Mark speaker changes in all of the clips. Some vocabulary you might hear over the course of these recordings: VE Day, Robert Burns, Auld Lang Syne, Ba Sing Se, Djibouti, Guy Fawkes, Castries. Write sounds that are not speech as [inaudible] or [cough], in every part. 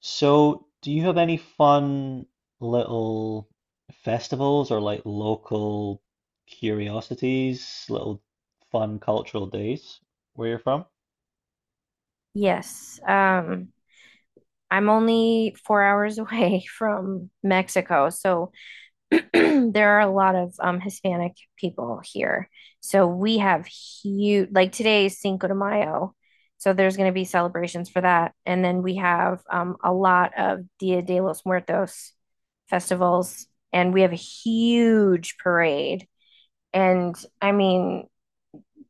Speaker 1: So, do you have any fun little festivals or like local curiosities, little fun cultural days where you're from?
Speaker 2: Yes. I'm only 4 hours away [laughs] from Mexico, so [clears throat] there are a lot of Hispanic people here. So we have huge, like today is Cinco de Mayo, so there's going to be celebrations for that, and then we have a lot of Dia de los Muertos festivals, and we have a huge parade. And I mean,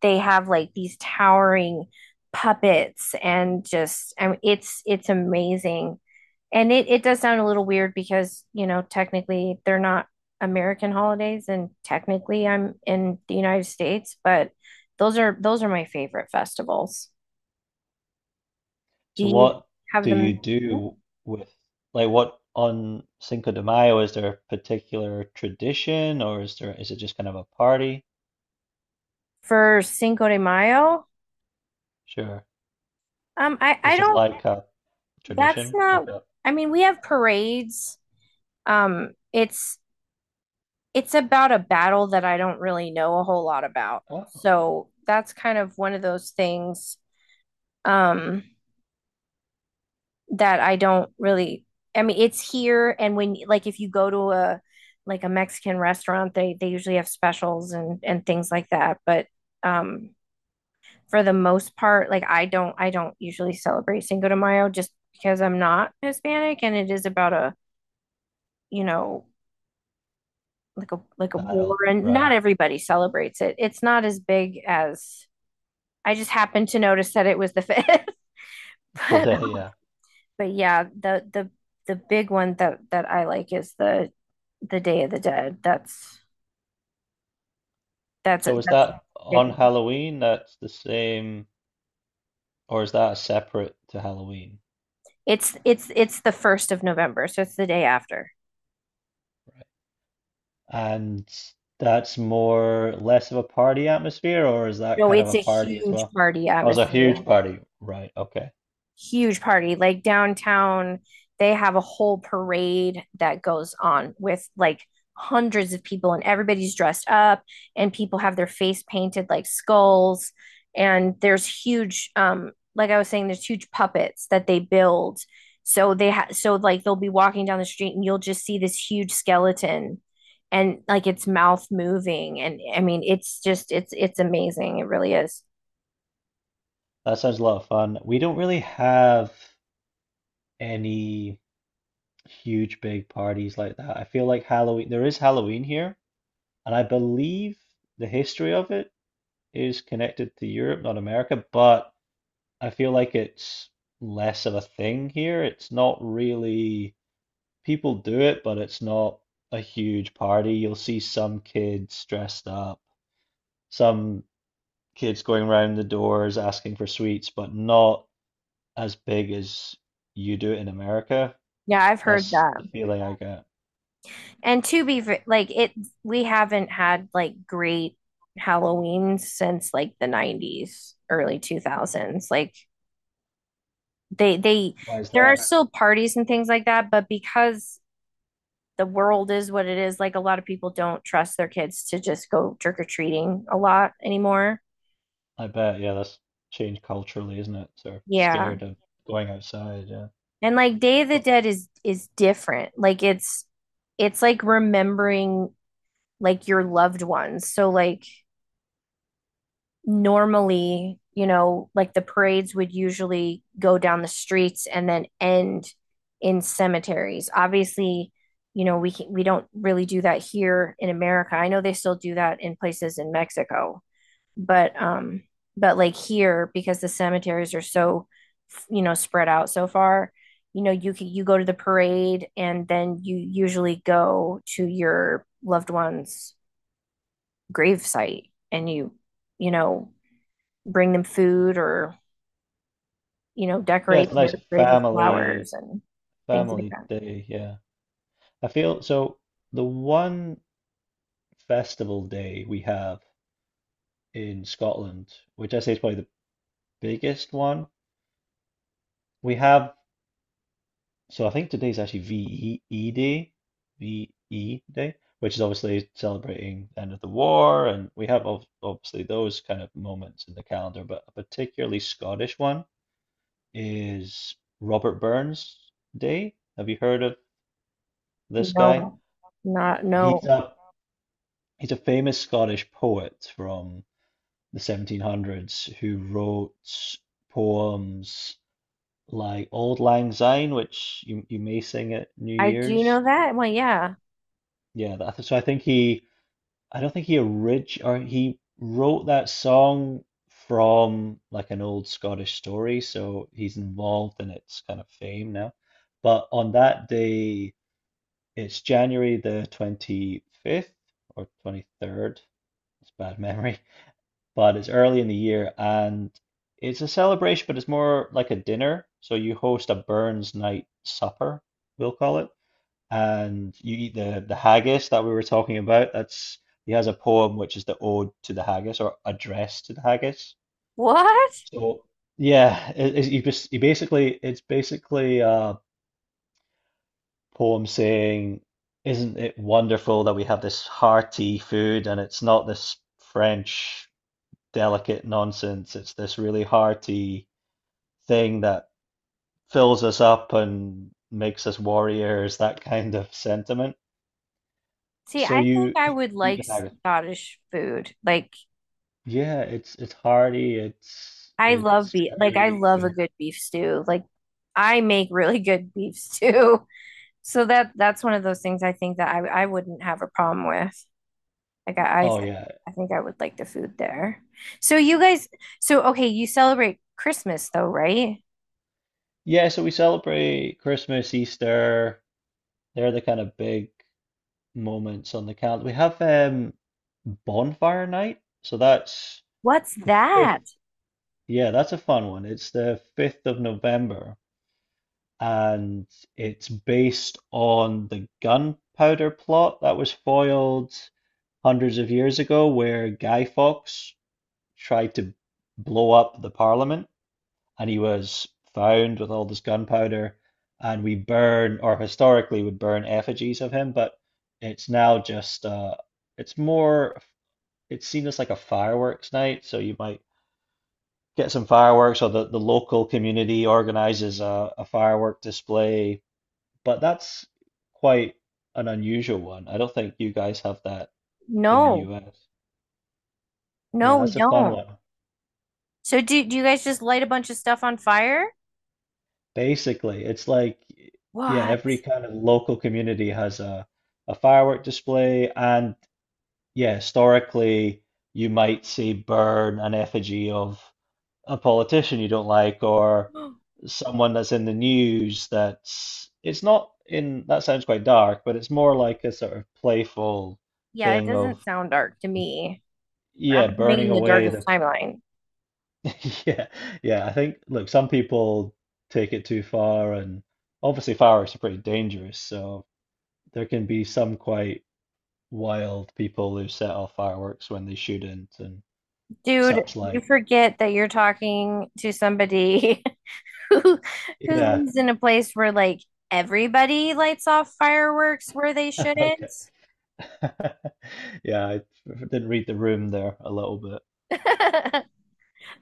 Speaker 2: they have like these towering puppets and just I mean, it's amazing. And it does sound a little weird because, you know, technically they're not American holidays and technically I'm in the United States, but those are my favorite festivals. Do
Speaker 1: So,
Speaker 2: you
Speaker 1: what
Speaker 2: have
Speaker 1: do you
Speaker 2: them
Speaker 1: do with like what on Cinco de Mayo? Is there a particular tradition or is it just kind of a party?
Speaker 2: for Cinco de Mayo?
Speaker 1: Sure.
Speaker 2: I
Speaker 1: Is there
Speaker 2: don't.
Speaker 1: like a
Speaker 2: That's
Speaker 1: tradition,
Speaker 2: not.
Speaker 1: like a
Speaker 2: I mean, we have parades. Um, it's it's about a battle that I don't really know a whole lot about.
Speaker 1: oh,
Speaker 2: So that's kind of one of those things um that I don't really I mean it's here and when like if you go to a like a Mexican restaurant they usually have specials and things like that but um for the most part like I don't usually celebrate Cinco de Mayo just because I'm not Hispanic and it is about a you know like a like a war
Speaker 1: battle,
Speaker 2: and not
Speaker 1: right?
Speaker 2: everybody celebrates it. It's not as big as I just happened to notice that it was the fifth. [laughs] but,
Speaker 1: Today, yeah.
Speaker 2: but yeah, the big one that I like is the Day of the Dead. That's that's a,
Speaker 1: So, is
Speaker 2: that's
Speaker 1: that on Halloween? That's the same. Or is that separate to Halloween?
Speaker 2: it's the 1st of November, so it's the day after.
Speaker 1: Right. And that's more less of a party atmosphere, or is that
Speaker 2: No,
Speaker 1: kind of
Speaker 2: it's
Speaker 1: a
Speaker 2: a
Speaker 1: party as
Speaker 2: huge
Speaker 1: well?
Speaker 2: party
Speaker 1: Oh, it's a huge
Speaker 2: atmosphere.
Speaker 1: party. Right. Okay.
Speaker 2: Huge party. Like downtown, they have a whole parade that goes on with like hundreds of people, and everybody's dressed up, and people have their face painted like skulls. And there's huge, like I was saying, there's huge puppets that they build. So like they'll be walking down the street, and you'll just see this huge skeleton. And like its mouth moving, and I mean, it's just it's amazing. It really is.
Speaker 1: That sounds a lot of fun. We don't really have any huge big parties like that. I feel like Halloween, there is Halloween here, and I believe the history of it is connected to Europe, not America, but I feel like it's less of a thing here. It's not really. People do it, but it's not a huge party. You'll see some kids dressed up, some kids going round the doors asking for sweets, but not as big as you do it in America.
Speaker 2: Yeah, I've heard
Speaker 1: That's the
Speaker 2: that.
Speaker 1: feeling I get.
Speaker 2: And to be like it, we haven't had like great Halloween since like the 90s, early 2000s. Like they
Speaker 1: Why is
Speaker 2: there are
Speaker 1: that?
Speaker 2: still parties and things like that, but because the world is what it is, like a lot of people don't trust their kids to just go trick or treating a lot anymore.
Speaker 1: I bet, yeah, that's changed culturally, isn't it? Sort of
Speaker 2: Yeah.
Speaker 1: scared of going outside, yeah.
Speaker 2: And like Day of the
Speaker 1: Don't-
Speaker 2: Dead is different. Like it's like remembering like your loved ones. So like normally, you know, like the parades would usually go down the streets and then end in cemeteries. Obviously, you know, we don't really do that here in America. I know they still do that in places in Mexico, but um but like here because the cemeteries are so, you know, spread out so far, you know, you go to the parade and then you usually go to your loved one's grave site and you know bring them food or, you know,
Speaker 1: yeah,
Speaker 2: decorate
Speaker 1: it's a
Speaker 2: their
Speaker 1: nice
Speaker 2: grave with
Speaker 1: family
Speaker 2: flowers and things like
Speaker 1: family
Speaker 2: that.
Speaker 1: day, yeah. I feel so the one festival day we have in Scotland, which I say is probably the biggest one. We have, so I think today's actually VE Day, VE Day, which is obviously celebrating the end of the war. And we have obviously those kind of moments in the calendar, but a particularly Scottish one is Robert Burns Day. Have you heard of this guy?
Speaker 2: No, not
Speaker 1: He's
Speaker 2: no.
Speaker 1: a he's a famous Scottish poet from the 1700s who wrote poems like Old Lang Syne, which you may sing at New
Speaker 2: I do
Speaker 1: Year's.
Speaker 2: know that. I'm like, yeah.
Speaker 1: Yeah, that, so I think I don't think he orig or he wrote that song from like an old Scottish story, so he's involved in its kind of fame now. But on that day, it's January the 25th or 23rd. It's bad [laughs] memory, but it's early in the year and it's a celebration, but it's more like a dinner. So you host a Burns night supper, we'll call it, and you eat the haggis that we were talking about. That's he has a poem which is the ode to the haggis or address to the haggis.
Speaker 2: What?
Speaker 1: So yeah, you basically it's basically a poem saying, "Isn't it wonderful that we have this hearty food and it's not this French delicate nonsense. It's this really hearty thing that fills us up and makes us warriors," that kind of sentiment.
Speaker 2: See,
Speaker 1: So
Speaker 2: I think
Speaker 1: you
Speaker 2: I would
Speaker 1: eat
Speaker 2: like
Speaker 1: the haggis.
Speaker 2: Scottish food. Like
Speaker 1: Yeah, it's hearty. It's
Speaker 2: I love
Speaker 1: it's
Speaker 2: beef. Like I
Speaker 1: very
Speaker 2: love a
Speaker 1: good.
Speaker 2: good beef stew. Like I make really good beef stew. [laughs] So that's one of those things I think that I wouldn't have a problem with. Like I I, th
Speaker 1: Oh yeah.
Speaker 2: I think I would like the food there. So you guys, so okay, you celebrate Christmas though, right?
Speaker 1: Yeah, so we celebrate Christmas, Easter. They're the kind of big moments on the calendar. We have bonfire night. So that's
Speaker 2: What's
Speaker 1: the fifth.
Speaker 2: that?
Speaker 1: Yeah, that's a fun one. It's the 5th of November. And it's based on the gunpowder plot that was foiled hundreds of years ago, where Guy Fawkes tried to blow up the Parliament, and he was found with all this gunpowder, and we burn, or historically would burn effigies of him, but it's now just it's more, it's seen as like a fireworks night, so you might get some fireworks, or the local community organizes a firework display, but that's quite an unusual one. I don't think you guys have that in the
Speaker 2: No,
Speaker 1: US. Yeah,
Speaker 2: no, we
Speaker 1: that's a fun
Speaker 2: don't.
Speaker 1: one.
Speaker 2: So do you guys just light a bunch of stuff on fire?
Speaker 1: Basically, it's like, yeah, every
Speaker 2: What?
Speaker 1: kind of local community has a firework display. And yeah, historically, you might see burn an effigy of a politician you don't like or
Speaker 2: [gasps]
Speaker 1: someone that's in the news that's, it's not in, that sounds quite dark, but it's more like a sort of playful
Speaker 2: Yeah, it
Speaker 1: thing
Speaker 2: doesn't
Speaker 1: of,
Speaker 2: sound dark to me. I'm
Speaker 1: yeah,
Speaker 2: living
Speaker 1: burning
Speaker 2: in the
Speaker 1: away
Speaker 2: darkest
Speaker 1: the
Speaker 2: timeline.
Speaker 1: [laughs] yeah, yeah. I think, look, some people take it too far, and obviously fireworks are pretty dangerous. So there can be some quite wild people who set off fireworks when they shouldn't and
Speaker 2: Dude,
Speaker 1: such
Speaker 2: you
Speaker 1: like.
Speaker 2: forget that you're talking to somebody [laughs] who who
Speaker 1: Yeah,
Speaker 2: lives in a place where like everybody lights off fireworks where they
Speaker 1: [laughs] okay.
Speaker 2: shouldn't?
Speaker 1: [laughs] Yeah, I didn't read the room there a little bit.
Speaker 2: [laughs]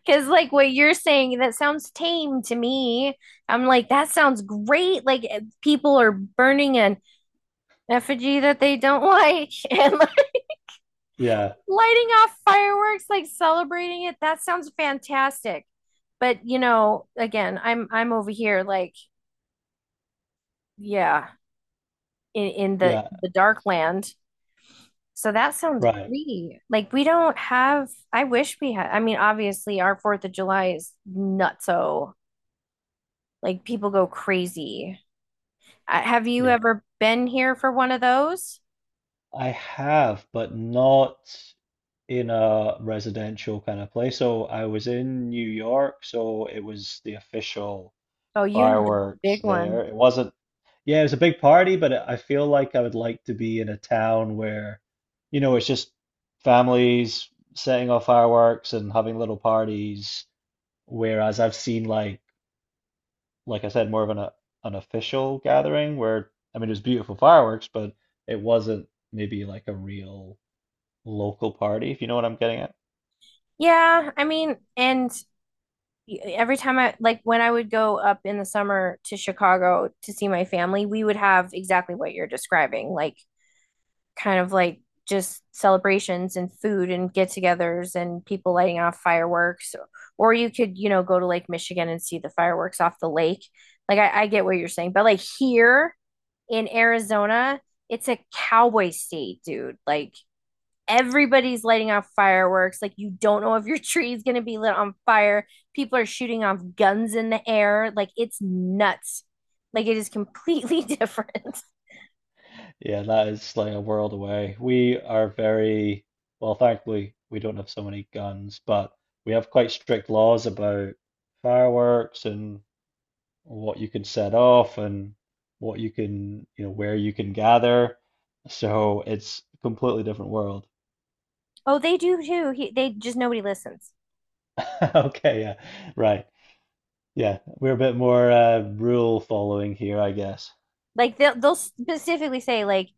Speaker 2: Because like what you're saying, that sounds tame to me. I'm like, that sounds great. Like eh, people are burning an effigy that they don't [laughs] like and like,
Speaker 1: Yeah,
Speaker 2: lighting off fireworks, like celebrating it. That sounds fantastic. But you know, again, I'm over here like, yeah, in the
Speaker 1: yeah,
Speaker 2: the dark land. So that sounds
Speaker 1: right.
Speaker 2: great. Like we don't have, I wish we had, I mean, obviously our Fourth of July is nutso. Like people go crazy. Have you
Speaker 1: Yeah,
Speaker 2: ever been here for one of those?
Speaker 1: I have, but not in a residential kind of place. So I was in New York, so it was the official
Speaker 2: Oh, you have the
Speaker 1: fireworks
Speaker 2: big
Speaker 1: there.
Speaker 2: one.
Speaker 1: It wasn't, yeah, it was a big party, but I feel like I would like to be in a town where, you know, it's just families setting off fireworks and having little parties. Whereas I've seen like I said, more of an official gathering where, I mean, it was beautiful fireworks, but it wasn't maybe like a real local party, if you know what I'm getting at.
Speaker 2: Yeah, I mean, and every time I like when I would go up in the summer to Chicago to see my family, we would have exactly what you're describing. Like kind of like just celebrations and food and get-togethers and people lighting off fireworks or you could, you know, go to lake michigan and see the fireworks off the lake like I get what you're saying but like here in arizona it's a cowboy state dude like everybody's lighting off fireworks like you don't know if your [laughs] tree is going to be lit on fire. People are shooting off guns in the air like it's nuts. Like it is completely different.
Speaker 1: Yeah, that is like a world away. We are very, well, thankfully, we don't have so many guns, but we have quite strict laws about fireworks and what you can set off and what you can, you know, where you can gather. So it's a completely different world.
Speaker 2: [laughs] Oh they do too they just nobody listens.
Speaker 1: [laughs] Okay, yeah, right. Yeah, we're a bit more rule following here, I guess.
Speaker 2: Like they'll specifically say like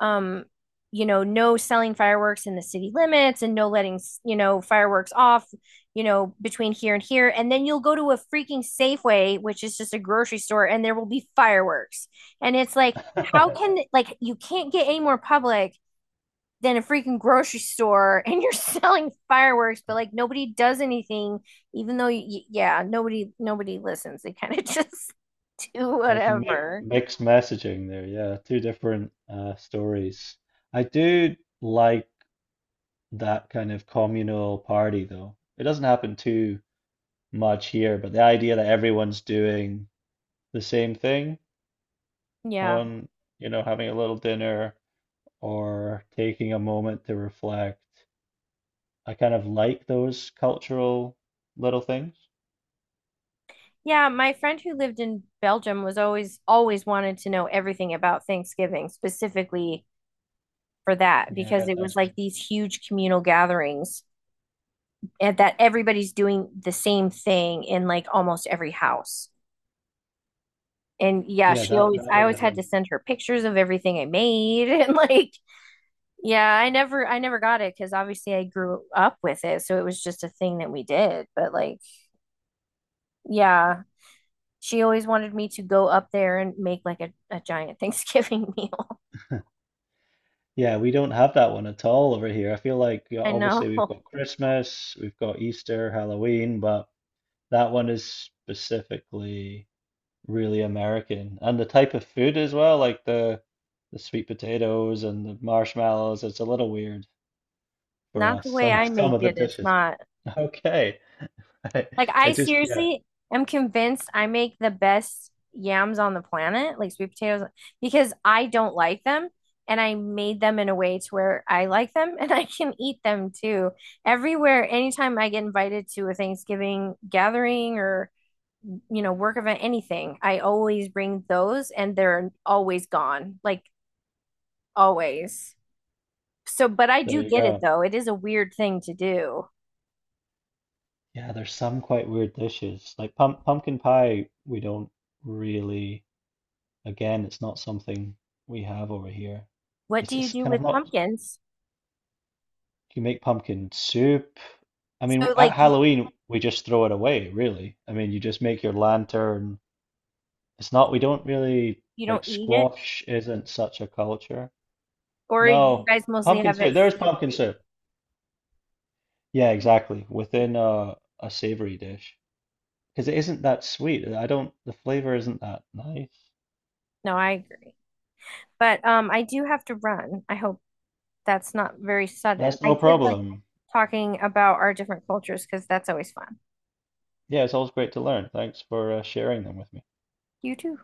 Speaker 2: um you know no selling fireworks in the city limits and no letting you know fireworks off, you know, between here and here and then you'll go to a freaking Safeway which is just a grocery store and there will be fireworks and it's like
Speaker 1: [laughs]
Speaker 2: how
Speaker 1: That's
Speaker 2: can like you can't get any more public than a freaking grocery store [laughs] and you're selling fireworks but like nobody does anything even though yeah nobody listens they kind of [laughs] just do
Speaker 1: mi
Speaker 2: whatever
Speaker 1: mixed messaging there. Yeah, two different stories. I do like that kind of communal party, though. It doesn't happen too much here, but the idea that everyone's doing the same thing
Speaker 2: yeah.
Speaker 1: on, you know, having a little dinner or taking a moment to reflect, I kind of like those cultural little things.
Speaker 2: Yeah, my friend who lived in Belgium was always wanted to know everything about Thanksgiving, specifically for that,
Speaker 1: Yeah,
Speaker 2: because
Speaker 1: that's
Speaker 2: it was
Speaker 1: nice
Speaker 2: like
Speaker 1: one.
Speaker 2: these huge communal gatherings and that everybody's doing the same thing in like almost every house. And yeah,
Speaker 1: Yeah,
Speaker 2: she
Speaker 1: that
Speaker 2: always
Speaker 1: that
Speaker 2: I
Speaker 1: one's a
Speaker 2: always
Speaker 1: good
Speaker 2: had to
Speaker 1: one.
Speaker 2: send her pictures of everything I made [laughs] and like yeah, I never got it because obviously I grew up with it, so it was just a thing that we did. But like, yeah, she always wanted me to go up there and make like a giant Thanksgiving [laughs] meal.
Speaker 1: Yeah, we don't have that one at all over here. I feel like yeah,
Speaker 2: I know.
Speaker 1: obviously we've got
Speaker 2: [laughs]
Speaker 1: Christmas, we've got Easter, Halloween, but that one is specifically really American. And the type of food as well, like the sweet potatoes and the marshmallows, it's a little weird for
Speaker 2: Not the
Speaker 1: us,
Speaker 2: way
Speaker 1: some [laughs]
Speaker 2: I make
Speaker 1: some of the
Speaker 2: it. It's
Speaker 1: dishes.
Speaker 2: not.
Speaker 1: [laughs] Okay. I,
Speaker 2: Like
Speaker 1: I
Speaker 2: I
Speaker 1: just yeah,
Speaker 2: seriously am convinced I make the best yams on the planet, like sweet potatoes, because I don't like them and I made them in a way to where I like them [laughs] and I can eat them too. Everywhere, anytime I get invited to a Thanksgiving gathering or, you know, work event, anything, I always bring those and they're always gone. Like always. So, but I
Speaker 1: there
Speaker 2: do
Speaker 1: you
Speaker 2: get it
Speaker 1: go.
Speaker 2: though. It is a weird thing to do.
Speaker 1: Yeah, there's some quite weird dishes. Like pumpkin pie, we don't really, again, it's not something we have over here.
Speaker 2: What do you
Speaker 1: It's
Speaker 2: do
Speaker 1: kind of
Speaker 2: with
Speaker 1: not,
Speaker 2: pumpkins?
Speaker 1: you make pumpkin soup. I mean,
Speaker 2: So
Speaker 1: at
Speaker 2: like you,
Speaker 1: Halloween, we just throw it away, really. I mean, you just make your lantern. It's not, we don't really
Speaker 2: you
Speaker 1: like
Speaker 2: don't eat it
Speaker 1: squash isn't such a culture.
Speaker 2: or you
Speaker 1: No,
Speaker 2: guys mostly
Speaker 1: pumpkin
Speaker 2: have it
Speaker 1: soup. There's pumpkin
Speaker 2: savory.
Speaker 1: soup. Yeah, exactly. Within a savory dish. Because it isn't that sweet. I don't, the flavor isn't that nice.
Speaker 2: No, I agree. But I do have to run. I hope that's not very sudden.
Speaker 1: That's
Speaker 2: I
Speaker 1: no
Speaker 2: did like
Speaker 1: problem.
Speaker 2: talking about our different cultures because that's always fun.
Speaker 1: Yeah, it's always great to learn. Thanks for sharing them with me.
Speaker 2: You too.